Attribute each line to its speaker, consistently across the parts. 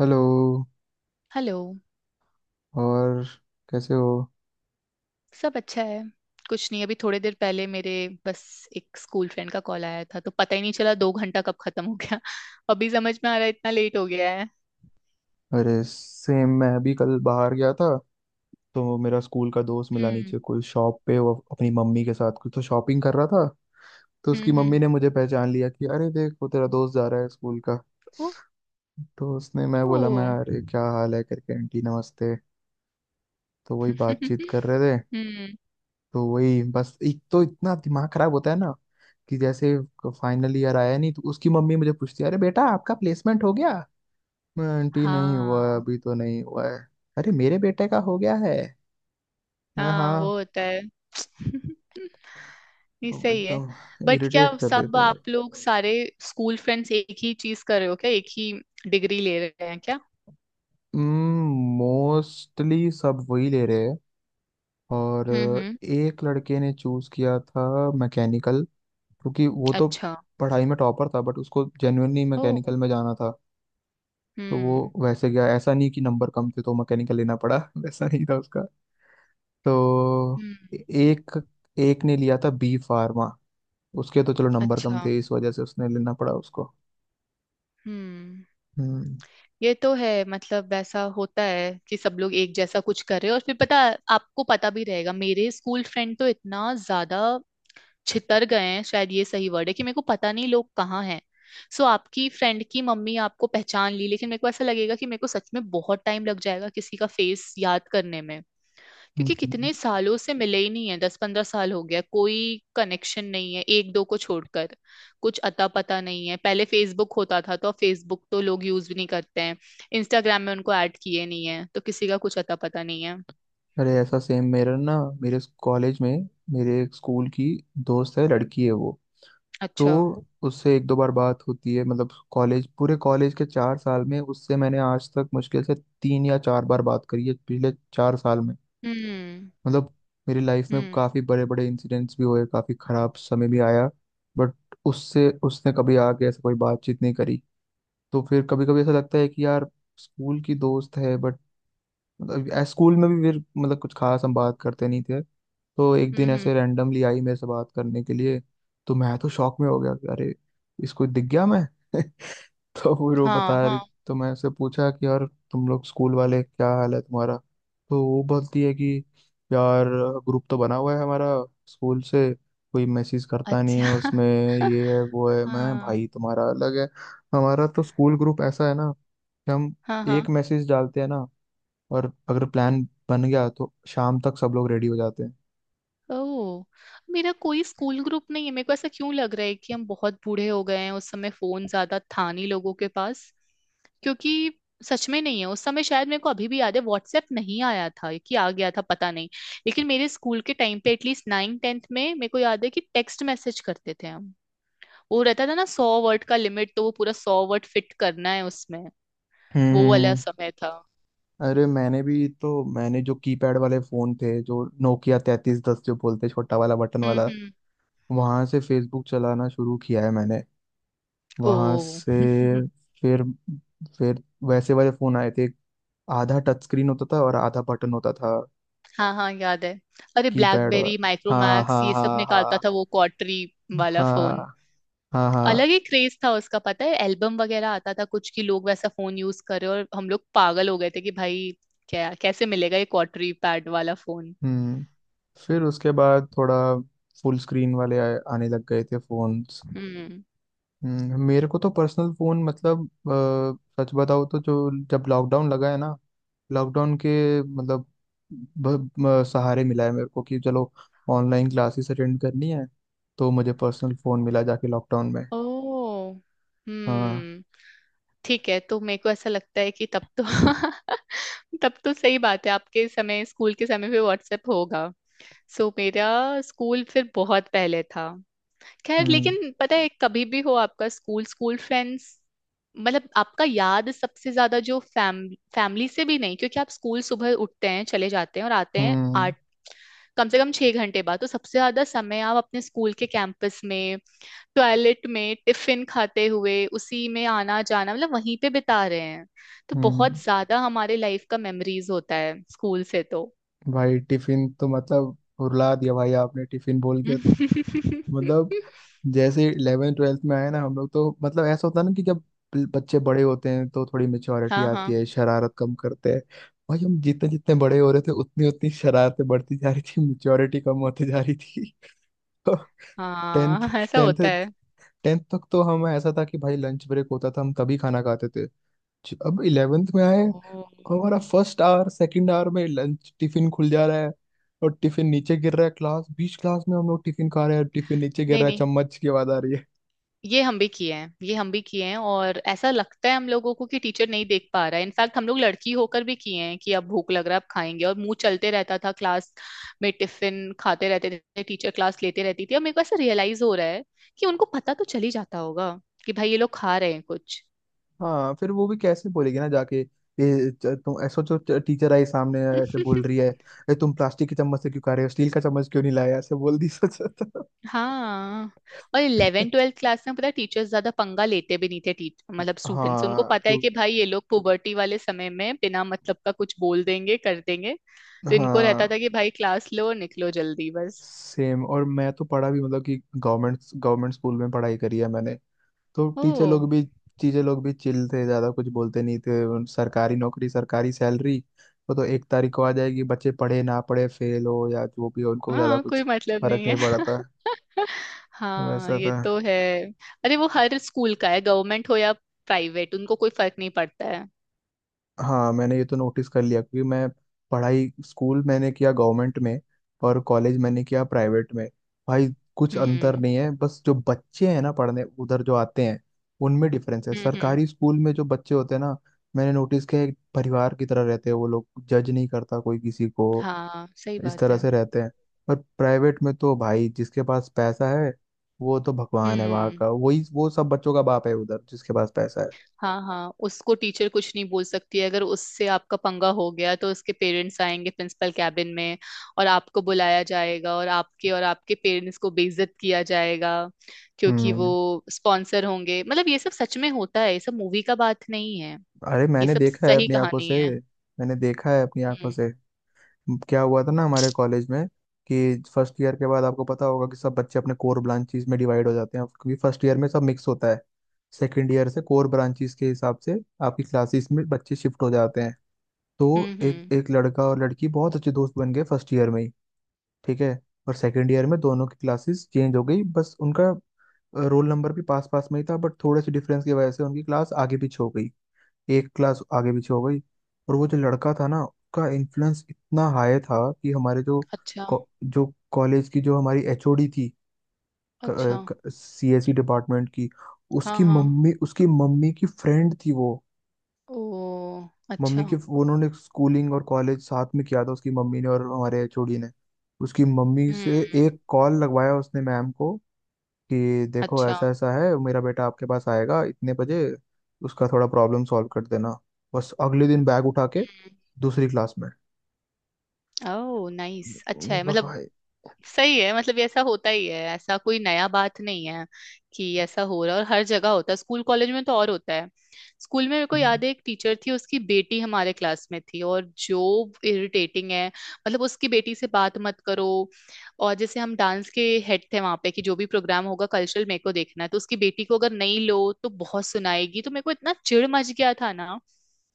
Speaker 1: Hello.
Speaker 2: Hello.
Speaker 1: और कैसे हो?
Speaker 2: सब अच्छा है। कुछ नहीं, अभी थोड़ी देर पहले मेरे बस एक स्कूल फ्रेंड का कॉल आया था, तो पता ही नहीं चला 2 घंटा कब खत्म हो गया। अभी समझ में आ रहा है इतना लेट हो गया है।
Speaker 1: अरे सेम, मैं भी कल बाहर गया था तो मेरा स्कूल का दोस्त मिला
Speaker 2: हम्म।
Speaker 1: नीचे कोई शॉप पे। वो अपनी मम्मी के साथ कुछ तो शॉपिंग कर रहा था तो उसकी
Speaker 2: हम्म।
Speaker 1: मम्मी
Speaker 2: हम्म।
Speaker 1: ने मुझे पहचान लिया कि अरे देख वो तेरा दोस्त जा रहा है स्कूल का। तो उसने मैं बोला
Speaker 2: ओह।
Speaker 1: मैं अरे क्या हाल है करके आंटी नमस्ते। तो वही बातचीत कर रहे थे।
Speaker 2: हम्म।
Speaker 1: तो वही बस एक तो इतना दिमाग खराब होता है ना कि जैसे फाइनल ईयर आया नहीं तो उसकी मम्मी मुझे पूछती है अरे बेटा आपका प्लेसमेंट हो गया? मैं, आंटी नहीं हुआ है,
Speaker 2: हाँ,
Speaker 1: अभी तो नहीं हुआ है। अरे मेरे बेटे का हो गया है। मैं,
Speaker 2: हाँ वो
Speaker 1: हाँ।
Speaker 2: होता है। ये
Speaker 1: अब
Speaker 2: सही है।
Speaker 1: एकदम
Speaker 2: बट क्या
Speaker 1: इरिटेट कर
Speaker 2: सब
Speaker 1: देते हैं भाई।
Speaker 2: आप लोग सारे स्कूल फ्रेंड्स एक ही चीज कर रहे हो क्या? एक ही डिग्री ले रहे हैं क्या?
Speaker 1: मोस्टली सब वही ले रहे हैं। और
Speaker 2: हम्म।
Speaker 1: एक लड़के ने चूज किया था मैकेनिकल, क्योंकि वो तो
Speaker 2: अच्छा।
Speaker 1: पढ़ाई में टॉपर था बट उसको जेन्युइनली
Speaker 2: ओह।
Speaker 1: मैकेनिकल में जाना था। तो
Speaker 2: हम्म।
Speaker 1: वो वैसे गया, ऐसा नहीं कि नंबर कम थे तो मैकेनिकल लेना पड़ा वैसा नहीं था उसका। तो
Speaker 2: हम्म।
Speaker 1: एक एक ने लिया था बी फार्मा। उसके तो चलो नंबर कम
Speaker 2: अच्छा।
Speaker 1: थे इस वजह से उसने लेना पड़ा उसको।
Speaker 2: हम्म।
Speaker 1: हम्म।
Speaker 2: ये तो है, मतलब वैसा होता है कि सब लोग एक जैसा कुछ कर रहे हो, और फिर पता आपको पता भी रहेगा। मेरे स्कूल फ्रेंड तो इतना ज्यादा छितर गए हैं, शायद ये सही वर्ड है, कि मेरे को पता नहीं लोग कहाँ हैं। सो आपकी फ्रेंड की मम्मी आपको पहचान ली, लेकिन मेरे को ऐसा लगेगा कि मेरे को सच में बहुत टाइम लग जाएगा किसी का फेस याद करने में, क्योंकि
Speaker 1: हम्म।
Speaker 2: कितने सालों से मिले ही नहीं है, 10-15 साल हो गया। कोई कनेक्शन नहीं है, एक दो को छोड़कर कुछ अता पता नहीं है। पहले फेसबुक होता था, तो फेसबुक तो लोग यूज भी नहीं करते हैं। इंस्टाग्राम में उनको ऐड किए नहीं है, तो किसी का कुछ अता पता नहीं है।
Speaker 1: अरे ऐसा सेम मेरा ना, मेरे कॉलेज में मेरे एक स्कूल की दोस्त है, लड़की है वो। तो
Speaker 2: अच्छा।
Speaker 1: उससे एक दो बार बात होती है, मतलब कॉलेज पूरे कॉलेज के 4 साल में उससे मैंने आज तक मुश्किल से 3 या 4 बार बात करी है पिछले 4 साल में।
Speaker 2: हम्म
Speaker 1: मतलब मेरी लाइफ में
Speaker 2: हम्म।
Speaker 1: काफ़ी बड़े बड़े इंसिडेंट्स भी हुए, काफ़ी खराब समय भी आया, बट उससे उसने कभी आके ऐसा कोई बातचीत नहीं करी। तो फिर कभी कभी ऐसा लगता है कि यार स्कूल की दोस्त है बट, मतलब स्कूल में भी फिर मतलब कुछ खास हम बात करते नहीं थे। तो एक
Speaker 2: हम्म
Speaker 1: दिन
Speaker 2: हम्म,
Speaker 1: ऐसे रैंडमली आई मेरे से बात करने के लिए। तो मैं तो शॉक में हो गया कि अरे इसको दिख गया मैं तो फिर वो
Speaker 2: हाँ
Speaker 1: बता रही।
Speaker 2: हाँ।
Speaker 1: तो मैं उससे पूछा कि यार तुम लोग स्कूल वाले क्या हाल है तुम्हारा। तो वो बोलती है कि यार ग्रुप तो बना हुआ है हमारा स्कूल से, कोई मैसेज करता नहीं है
Speaker 2: अच्छा।
Speaker 1: उसमें। ये है वो है। मैं,
Speaker 2: हाँ
Speaker 1: भाई तुम्हारा अलग है। हमारा तो स्कूल ग्रुप ऐसा है ना कि हम
Speaker 2: हाँ हाँ।
Speaker 1: एक मैसेज डालते हैं ना और अगर प्लान बन गया तो शाम तक सब लोग रेडी हो जाते हैं।
Speaker 2: ओह। मेरा कोई स्कूल ग्रुप नहीं है। मेरे को ऐसा क्यों लग रहा है कि हम बहुत बूढ़े हो गए हैं? उस समय फोन ज्यादा था नहीं लोगों के पास, क्योंकि सच में नहीं है। उस समय शायद, मेरे को अभी भी याद है, व्हाट्सएप नहीं आया था कि आ गया था पता नहीं। लेकिन मेरे स्कूल के टाइम पे एटलीस्ट 9th-10th में मेरे को याद है कि टेक्स्ट मैसेज करते थे हम। वो रहता था ना 100 वर्ड का लिमिट, तो वो पूरा 100 वर्ड फिट करना है उसमें।
Speaker 1: हम्म
Speaker 2: वो
Speaker 1: हम्म,
Speaker 2: वाला
Speaker 1: हम्म।
Speaker 2: समय था।
Speaker 1: अरे मैंने भी, तो मैंने जो कीपैड वाले फोन थे, जो नोकिया 3310 जो बोलते हैं, छोटा वाला बटन वाला,
Speaker 2: हम्म।
Speaker 1: वहां से फेसबुक चलाना शुरू किया है मैंने, वहां
Speaker 2: ओ।
Speaker 1: से। फिर फिर वैसे वाले फोन आए थे, आधा टच स्क्रीन होता था और आधा बटन होता था।
Speaker 2: हाँ हाँ याद है। अरे
Speaker 1: कीपैड।
Speaker 2: ब्लैकबेरी,
Speaker 1: हाँ
Speaker 2: माइक्रोमैक्स,
Speaker 1: हाँ
Speaker 2: ये सब
Speaker 1: हाँ
Speaker 2: निकालता
Speaker 1: हाँ।
Speaker 2: था वो क्वार्टरी वाला फोन।
Speaker 1: हाँ हाँ हाँ।
Speaker 2: अलग ही क्रेज था उसका, पता है एल्बम वगैरह आता था कुछ की लोग वैसा फोन यूज कर रहे हो, और हम लोग पागल हो गए थे कि भाई क्या, कैसे मिलेगा ये क्वार्टरी पैड वाला फोन।
Speaker 1: हम्म। फिर उसके बाद थोड़ा फुल स्क्रीन वाले आए, आने लग गए थे फोन्स।
Speaker 2: हम्म।
Speaker 1: मेरे को तो पर्सनल फोन मतलब, सच बताओ तो जो, जब लॉकडाउन लगा है ना, लॉकडाउन के मतलब सहारे मिला है मेरे को कि चलो ऑनलाइन क्लासेस अटेंड करनी है तो मुझे पर्सनल फोन मिला जाके लॉकडाउन में।
Speaker 2: ओ।
Speaker 1: हाँ।
Speaker 2: हम्म। ठीक है, तो मेरे को ऐसा लगता है कि तब तो तब तो सही बात है आपके समय, स्कूल के समय पे व्हाट्सएप होगा। सो मेरा स्कूल फिर बहुत पहले था। खैर,
Speaker 1: हम्म
Speaker 2: लेकिन पता है कभी भी हो आपका स्कूल स्कूल फ्रेंड्स मतलब आपका याद सबसे ज्यादा जो फैमिली से भी नहीं, क्योंकि आप स्कूल सुबह उठते हैं चले जाते हैं और आते हैं
Speaker 1: हम्म
Speaker 2: आठ, कम से कम 6 घंटे बाद, तो सबसे ज्यादा समय आप अपने स्कूल के कैंपस में, टॉयलेट में, टिफिन खाते हुए, उसी में आना जाना, मतलब वहीं पे बिता रहे हैं। तो
Speaker 1: हम्म।
Speaker 2: बहुत ज्यादा हमारे लाइफ का मेमोरीज होता है स्कूल से तो।
Speaker 1: भाई टिफिन तो मतलब रुला दिया भाई आपने टिफिन बोल के तो। मतलब जैसे 11th 12th में आए ना हम लोग तो मतलब ऐसा होता है ना कि जब बच्चे बड़े होते हैं तो थोड़ी मेच्योरिटी
Speaker 2: हाँ
Speaker 1: आती
Speaker 2: हाँ
Speaker 1: है, शरारत कम करते हैं। भाई हम जितने जितने बड़े हो रहे थे उतनी उतनी शरारतें बढ़ती जा रही थी, मेच्योरिटी कम होती जा रही थी। तो टेंथ
Speaker 2: हाँ ऐसा होता
Speaker 1: टेंथ
Speaker 2: है।
Speaker 1: टेंथ तक तो हम, ऐसा था कि भाई लंच ब्रेक होता था हम तभी खाना खाते थे। अब 11th में आए
Speaker 2: ओ।
Speaker 1: और हमारा फर्स्ट आवर सेकंड आवर में लंच टिफिन खुल जा रहा है और टिफिन नीचे गिर रहा है, क्लास बीच क्लास में हम लोग टिफिन खा रहे हैं, टिफिन नीचे गिर
Speaker 2: नहीं
Speaker 1: रहा है,
Speaker 2: नहीं,
Speaker 1: चम्मच की आवाज आ रही है।
Speaker 2: ये हम भी किए हैं, ये हम भी किए हैं, और ऐसा लगता है हम लोगों को कि टीचर नहीं देख पा रहा है। इनफैक्ट हम लोग लड़की होकर भी किए हैं कि अब भूख लग रहा है अब खाएंगे, और मुंह चलते रहता था। क्लास में टिफिन खाते रहते थे, टीचर क्लास लेते रहती थी, और मेरे को ऐसा रियलाइज हो रहा है कि उनको पता तो चल ही जाता होगा कि भाई ये लोग खा रहे हैं कुछ।
Speaker 1: हाँ, फिर वो भी कैसे बोलेगी ना जाके, ये तुम ऐसा जो, टीचर आई सामने ऐसे बोल रही है, "ए, तुम प्लास्टिक के चम्मच से क्यों खा रहे हो, स्टील का चम्मच क्यों नहीं लाया?" ऐसे बोल दी सच।
Speaker 2: हाँ। और 11th-12th क्लास में पता टीचर्स ज्यादा पंगा लेते भी नहीं थे। टीच मतलब स्टूडेंट्स उनको
Speaker 1: हाँ
Speaker 2: पता है
Speaker 1: क्यों।
Speaker 2: कि भाई ये लोग पुबर्टी वाले समय में बिना मतलब का कुछ बोल देंगे कर देंगे। तो इनको रहता था
Speaker 1: हाँ
Speaker 2: कि भाई क्लास लो और निकलो जल्दी बस।
Speaker 1: सेम, और मैं तो पढ़ा भी मतलब, कि गवर्नमेंट गवर्नमेंट स्कूल में पढ़ाई करी है मैंने। तो
Speaker 2: ओ।
Speaker 1: टीचर लोग भी, चिल थे, ज्यादा कुछ बोलते नहीं थे। सरकारी नौकरी सरकारी सैलरी वो तो 1 तारीख को आ जाएगी, बच्चे पढ़े ना पढ़े, फेल हो या जो भी हो, उनको ज्यादा
Speaker 2: हाँ,
Speaker 1: कुछ
Speaker 2: कोई मतलब
Speaker 1: फर्क
Speaker 2: नहीं
Speaker 1: नहीं
Speaker 2: है।
Speaker 1: पड़ा था,
Speaker 2: हाँ
Speaker 1: वैसा
Speaker 2: ये
Speaker 1: था।
Speaker 2: तो है। अरे वो हर स्कूल का है, गवर्नमेंट हो या प्राइवेट, उनको कोई फर्क नहीं पड़ता है।
Speaker 1: हाँ, मैंने ये तो नोटिस कर लिया क्योंकि मैं पढ़ाई स्कूल मैंने किया गवर्नमेंट में और कॉलेज मैंने किया प्राइवेट में। भाई कुछ अंतर
Speaker 2: हम्म
Speaker 1: नहीं है, बस जो बच्चे हैं ना पढ़ने उधर जो आते हैं उनमें डिफरेंस है।
Speaker 2: हम्म। हम्म।
Speaker 1: सरकारी स्कूल में जो बच्चे होते हैं ना, मैंने नोटिस किया है, एक परिवार की तरह रहते हैं वो लोग, जज नहीं करता कोई किसी को,
Speaker 2: हाँ सही
Speaker 1: इस
Speaker 2: बात
Speaker 1: तरह
Speaker 2: है।
Speaker 1: से रहते हैं। पर प्राइवेट में तो भाई जिसके पास पैसा है वो तो भगवान है वहाँ
Speaker 2: हम्म।
Speaker 1: का, वही वो सब बच्चों का बाप है उधर जिसके पास पैसा है।
Speaker 2: हाँ हाँ, उसको टीचर कुछ नहीं बोल सकती है। अगर उससे आपका पंगा हो गया तो उसके पेरेंट्स आएंगे प्रिंसिपल कैबिन में, और आपको बुलाया जाएगा, और आपके पेरेंट्स को बेइज्जत किया जाएगा, क्योंकि
Speaker 1: हम्म।
Speaker 2: वो स्पॉन्सर होंगे। मतलब ये सब सच में होता है, ये सब मूवी का बात नहीं है,
Speaker 1: अरे
Speaker 2: ये
Speaker 1: मैंने
Speaker 2: सब
Speaker 1: देखा है
Speaker 2: सही
Speaker 1: अपनी आंखों
Speaker 2: कहानी
Speaker 1: से।
Speaker 2: है।
Speaker 1: मैंने देखा है अपनी आंखों
Speaker 2: हम्म।
Speaker 1: से। क्या हुआ था ना हमारे कॉलेज में कि फर्स्ट ईयर के बाद आपको पता होगा कि सब बच्चे अपने कोर ब्रांचेस में डिवाइड हो जाते हैं क्योंकि फर्स्ट ईयर में सब मिक्स होता है। सेकंड ईयर से कोर ब्रांचेस के हिसाब से आपकी क्लासेस में बच्चे शिफ्ट हो जाते हैं। तो
Speaker 2: हम्म।
Speaker 1: एक
Speaker 2: हम्म।
Speaker 1: एक लड़का और लड़की बहुत अच्छे दोस्त बन गए फर्स्ट ईयर में ही, ठीक है। और सेकंड ईयर में दोनों की क्लासेस चेंज हो गई। बस उनका रोल नंबर भी पास पास में ही था बट थोड़े से डिफरेंस की वजह से उनकी क्लास आगे पीछे हो गई, एक क्लास आगे पीछे हो गई। और वो जो लड़का था ना, उसका इन्फ्लुएंस इतना हाई था कि हमारे जो
Speaker 2: अच्छा।
Speaker 1: को- जो कॉलेज की जो हमारी एचओडी थी,
Speaker 2: अच्छा।
Speaker 1: सीएसई डिपार्टमेंट की,
Speaker 2: हाँ
Speaker 1: उसकी
Speaker 2: हाँ।
Speaker 1: मम्मी उसकी मम्मी की फ्रेंड थी वो
Speaker 2: ओ।
Speaker 1: मम्मी
Speaker 2: अच्छा।
Speaker 1: की। वो उन्होंने स्कूलिंग और कॉलेज साथ में किया था उसकी मम्मी ने और हमारे एचओडी ने। उसकी मम्मी
Speaker 2: हम्म।
Speaker 1: से एक कॉल लगवाया उसने मैम को कि देखो
Speaker 2: अच्छा।
Speaker 1: ऐसा ऐसा है, मेरा बेटा आपके पास आएगा इतने बजे, उसका थोड़ा प्रॉब्लम सॉल्व कर देना। बस अगले दिन बैग उठा के
Speaker 2: हम्म।
Speaker 1: दूसरी क्लास में।
Speaker 2: ओह नाइस, अच्छा है। मतलब
Speaker 1: भाई।
Speaker 2: सही है, मतलब ये ऐसा होता ही है, ऐसा कोई नया बात नहीं है कि ऐसा हो रहा है, और हर जगह होता है, स्कूल कॉलेज में तो और होता है। स्कूल में मेरे को
Speaker 1: हम्म,
Speaker 2: याद है एक टीचर थी, उसकी बेटी हमारे क्लास में थी, और जो इरिटेटिंग है मतलब उसकी बेटी से बात मत करो, और जैसे हम डांस के हेड थे वहां पे कि जो भी प्रोग्राम होगा कल्चरल मेरे को देखना है, तो उसकी बेटी को अगर नहीं लो तो बहुत सुनाएगी। तो मेरे को इतना चिढ़ मच गया था ना,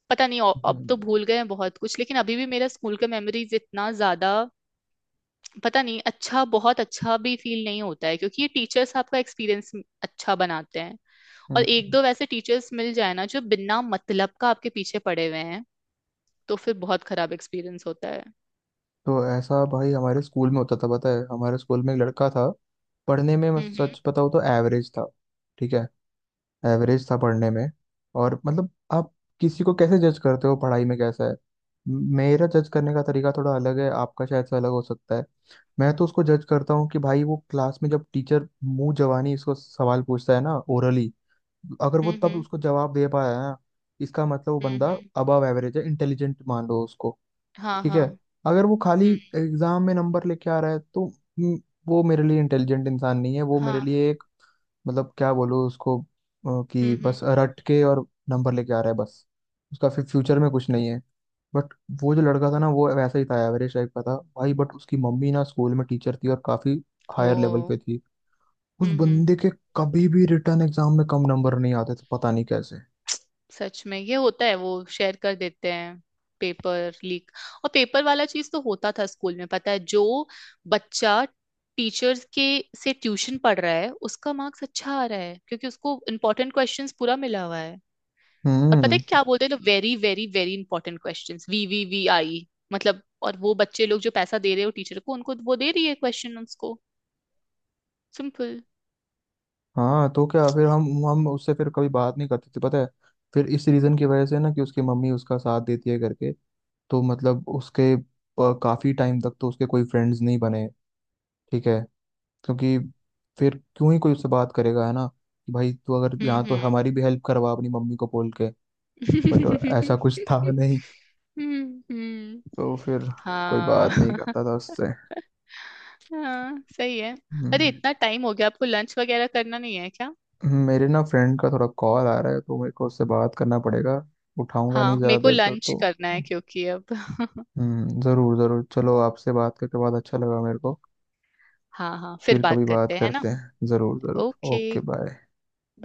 Speaker 2: पता नहीं अब तो
Speaker 1: हम्म,
Speaker 2: भूल गए हैं बहुत कुछ, लेकिन अभी भी मेरा स्कूल का मेमोरीज इतना ज्यादा, पता नहीं। अच्छा, बहुत अच्छा भी फील नहीं होता है, क्योंकि ये टीचर्स आपका एक्सपीरियंस अच्छा बनाते हैं। और एक
Speaker 1: हम्म।
Speaker 2: दो वैसे टीचर्स मिल जाए ना जो बिना मतलब का आपके पीछे पड़े हुए हैं, तो फिर बहुत खराब एक्सपीरियंस होता है।
Speaker 1: तो ऐसा भाई हमारे स्कूल में होता था। पता है हमारे स्कूल में एक लड़का था, पढ़ने में मैं
Speaker 2: हम्म
Speaker 1: सच बताऊँ तो एवरेज था, ठीक है, एवरेज था पढ़ने में। और मतलब आप किसी को कैसे जज करते हो पढ़ाई में कैसा है, मेरा जज करने का तरीका थोड़ा अलग है, आपका शायद से अलग हो सकता है। मैं तो उसको जज करता हूँ कि भाई वो क्लास में जब टीचर मुंह जवानी इसको सवाल पूछता है ना, ओरली, अगर वो
Speaker 2: हम्म।
Speaker 1: तब उसको जवाब दे पाया है ना, इसका मतलब वो
Speaker 2: हम्म
Speaker 1: बंदा
Speaker 2: हम्म,
Speaker 1: अबव एवरेज है, इंटेलिजेंट मान लो उसको,
Speaker 2: हाँ
Speaker 1: ठीक है।
Speaker 2: हाँ।
Speaker 1: अगर वो खाली
Speaker 2: हम्म।
Speaker 1: एग्जाम में नंबर लेके आ रहा है तो, वो मेरे लिए इंटेलिजेंट इंसान नहीं है, वो मेरे
Speaker 2: हाँ।
Speaker 1: लिए, मतलब क्या बोलूँ उसको कि
Speaker 2: हम्म।
Speaker 1: बस रट के और नंबर लेके आ रहा है बस। उसका फिर फ्यूचर में कुछ नहीं है। बट वो जो लड़का था ना वो वैसा ही था, एवरेज टाइप का था भाई, बट उसकी मम्मी ना स्कूल में टीचर थी और काफी हायर लेवल
Speaker 2: ओ।
Speaker 1: पे थी। उस
Speaker 2: हम्म।
Speaker 1: बंदे के कभी भी रिटर्न एग्जाम में कम नंबर नहीं आते थे पता नहीं कैसे।
Speaker 2: सच में ये होता है, वो शेयर कर देते हैं, पेपर लीक। और पेपर वाला चीज तो होता था स्कूल में पता है, जो बच्चा टीचर्स के से ट्यूशन पढ़ रहा है उसका मार्क्स अच्छा आ रहा है, क्योंकि उसको इंपॉर्टेंट क्वेश्चंस पूरा मिला हुआ है। और पता है
Speaker 1: हम्म।
Speaker 2: क्या बोलते हैं लोग, very very very important questions, VVVI। मतलब और वो बच्चे लोग जो पैसा दे रहे हो टीचर को उनको वो दे रही है क्वेश्चन उसको। सिंपल।
Speaker 1: हाँ तो क्या, फिर हम उससे फिर कभी बात नहीं करते थे पता है, फिर इस रीजन की वजह से ना कि उसकी मम्मी उसका साथ देती है करके। तो मतलब उसके काफी टाइम तक तो उसके कोई फ्रेंड्स नहीं बने, ठीक है, क्योंकि फिर क्यों ही कोई उससे बात करेगा, है ना, कि भाई तू अगर यहाँ तो
Speaker 2: हम्म
Speaker 1: हमारी भी हेल्प करवा अपनी मम्मी को बोल के। बट
Speaker 2: हम्म।
Speaker 1: ऐसा कुछ था नहीं।
Speaker 2: हम्म।
Speaker 1: तो फिर कोई
Speaker 2: हाँ।
Speaker 1: बात नहीं करता था उससे।
Speaker 2: हाँ सही है। अरे
Speaker 1: हम्म।
Speaker 2: इतना टाइम हो गया, आपको लंच वगैरह करना नहीं है क्या?
Speaker 1: मेरे ना फ्रेंड का थोड़ा कॉल आ रहा है तो मेरे को उससे बात करना पड़ेगा, उठाऊंगा नहीं
Speaker 2: हाँ मेरे
Speaker 1: ज़्यादा
Speaker 2: को
Speaker 1: देर तक
Speaker 2: लंच
Speaker 1: तो।
Speaker 2: करना है क्योंकि अब।
Speaker 1: ज़रूर ज़रूर, चलो आपसे बात करके बहुत अच्छा लगा मेरे को।
Speaker 2: हाँ हाँ फिर
Speaker 1: फिर
Speaker 2: बात
Speaker 1: कभी बात
Speaker 2: करते हैं ना।
Speaker 1: करते हैं, ज़रूर ज़रूर। Okay
Speaker 2: okay.
Speaker 1: बाय।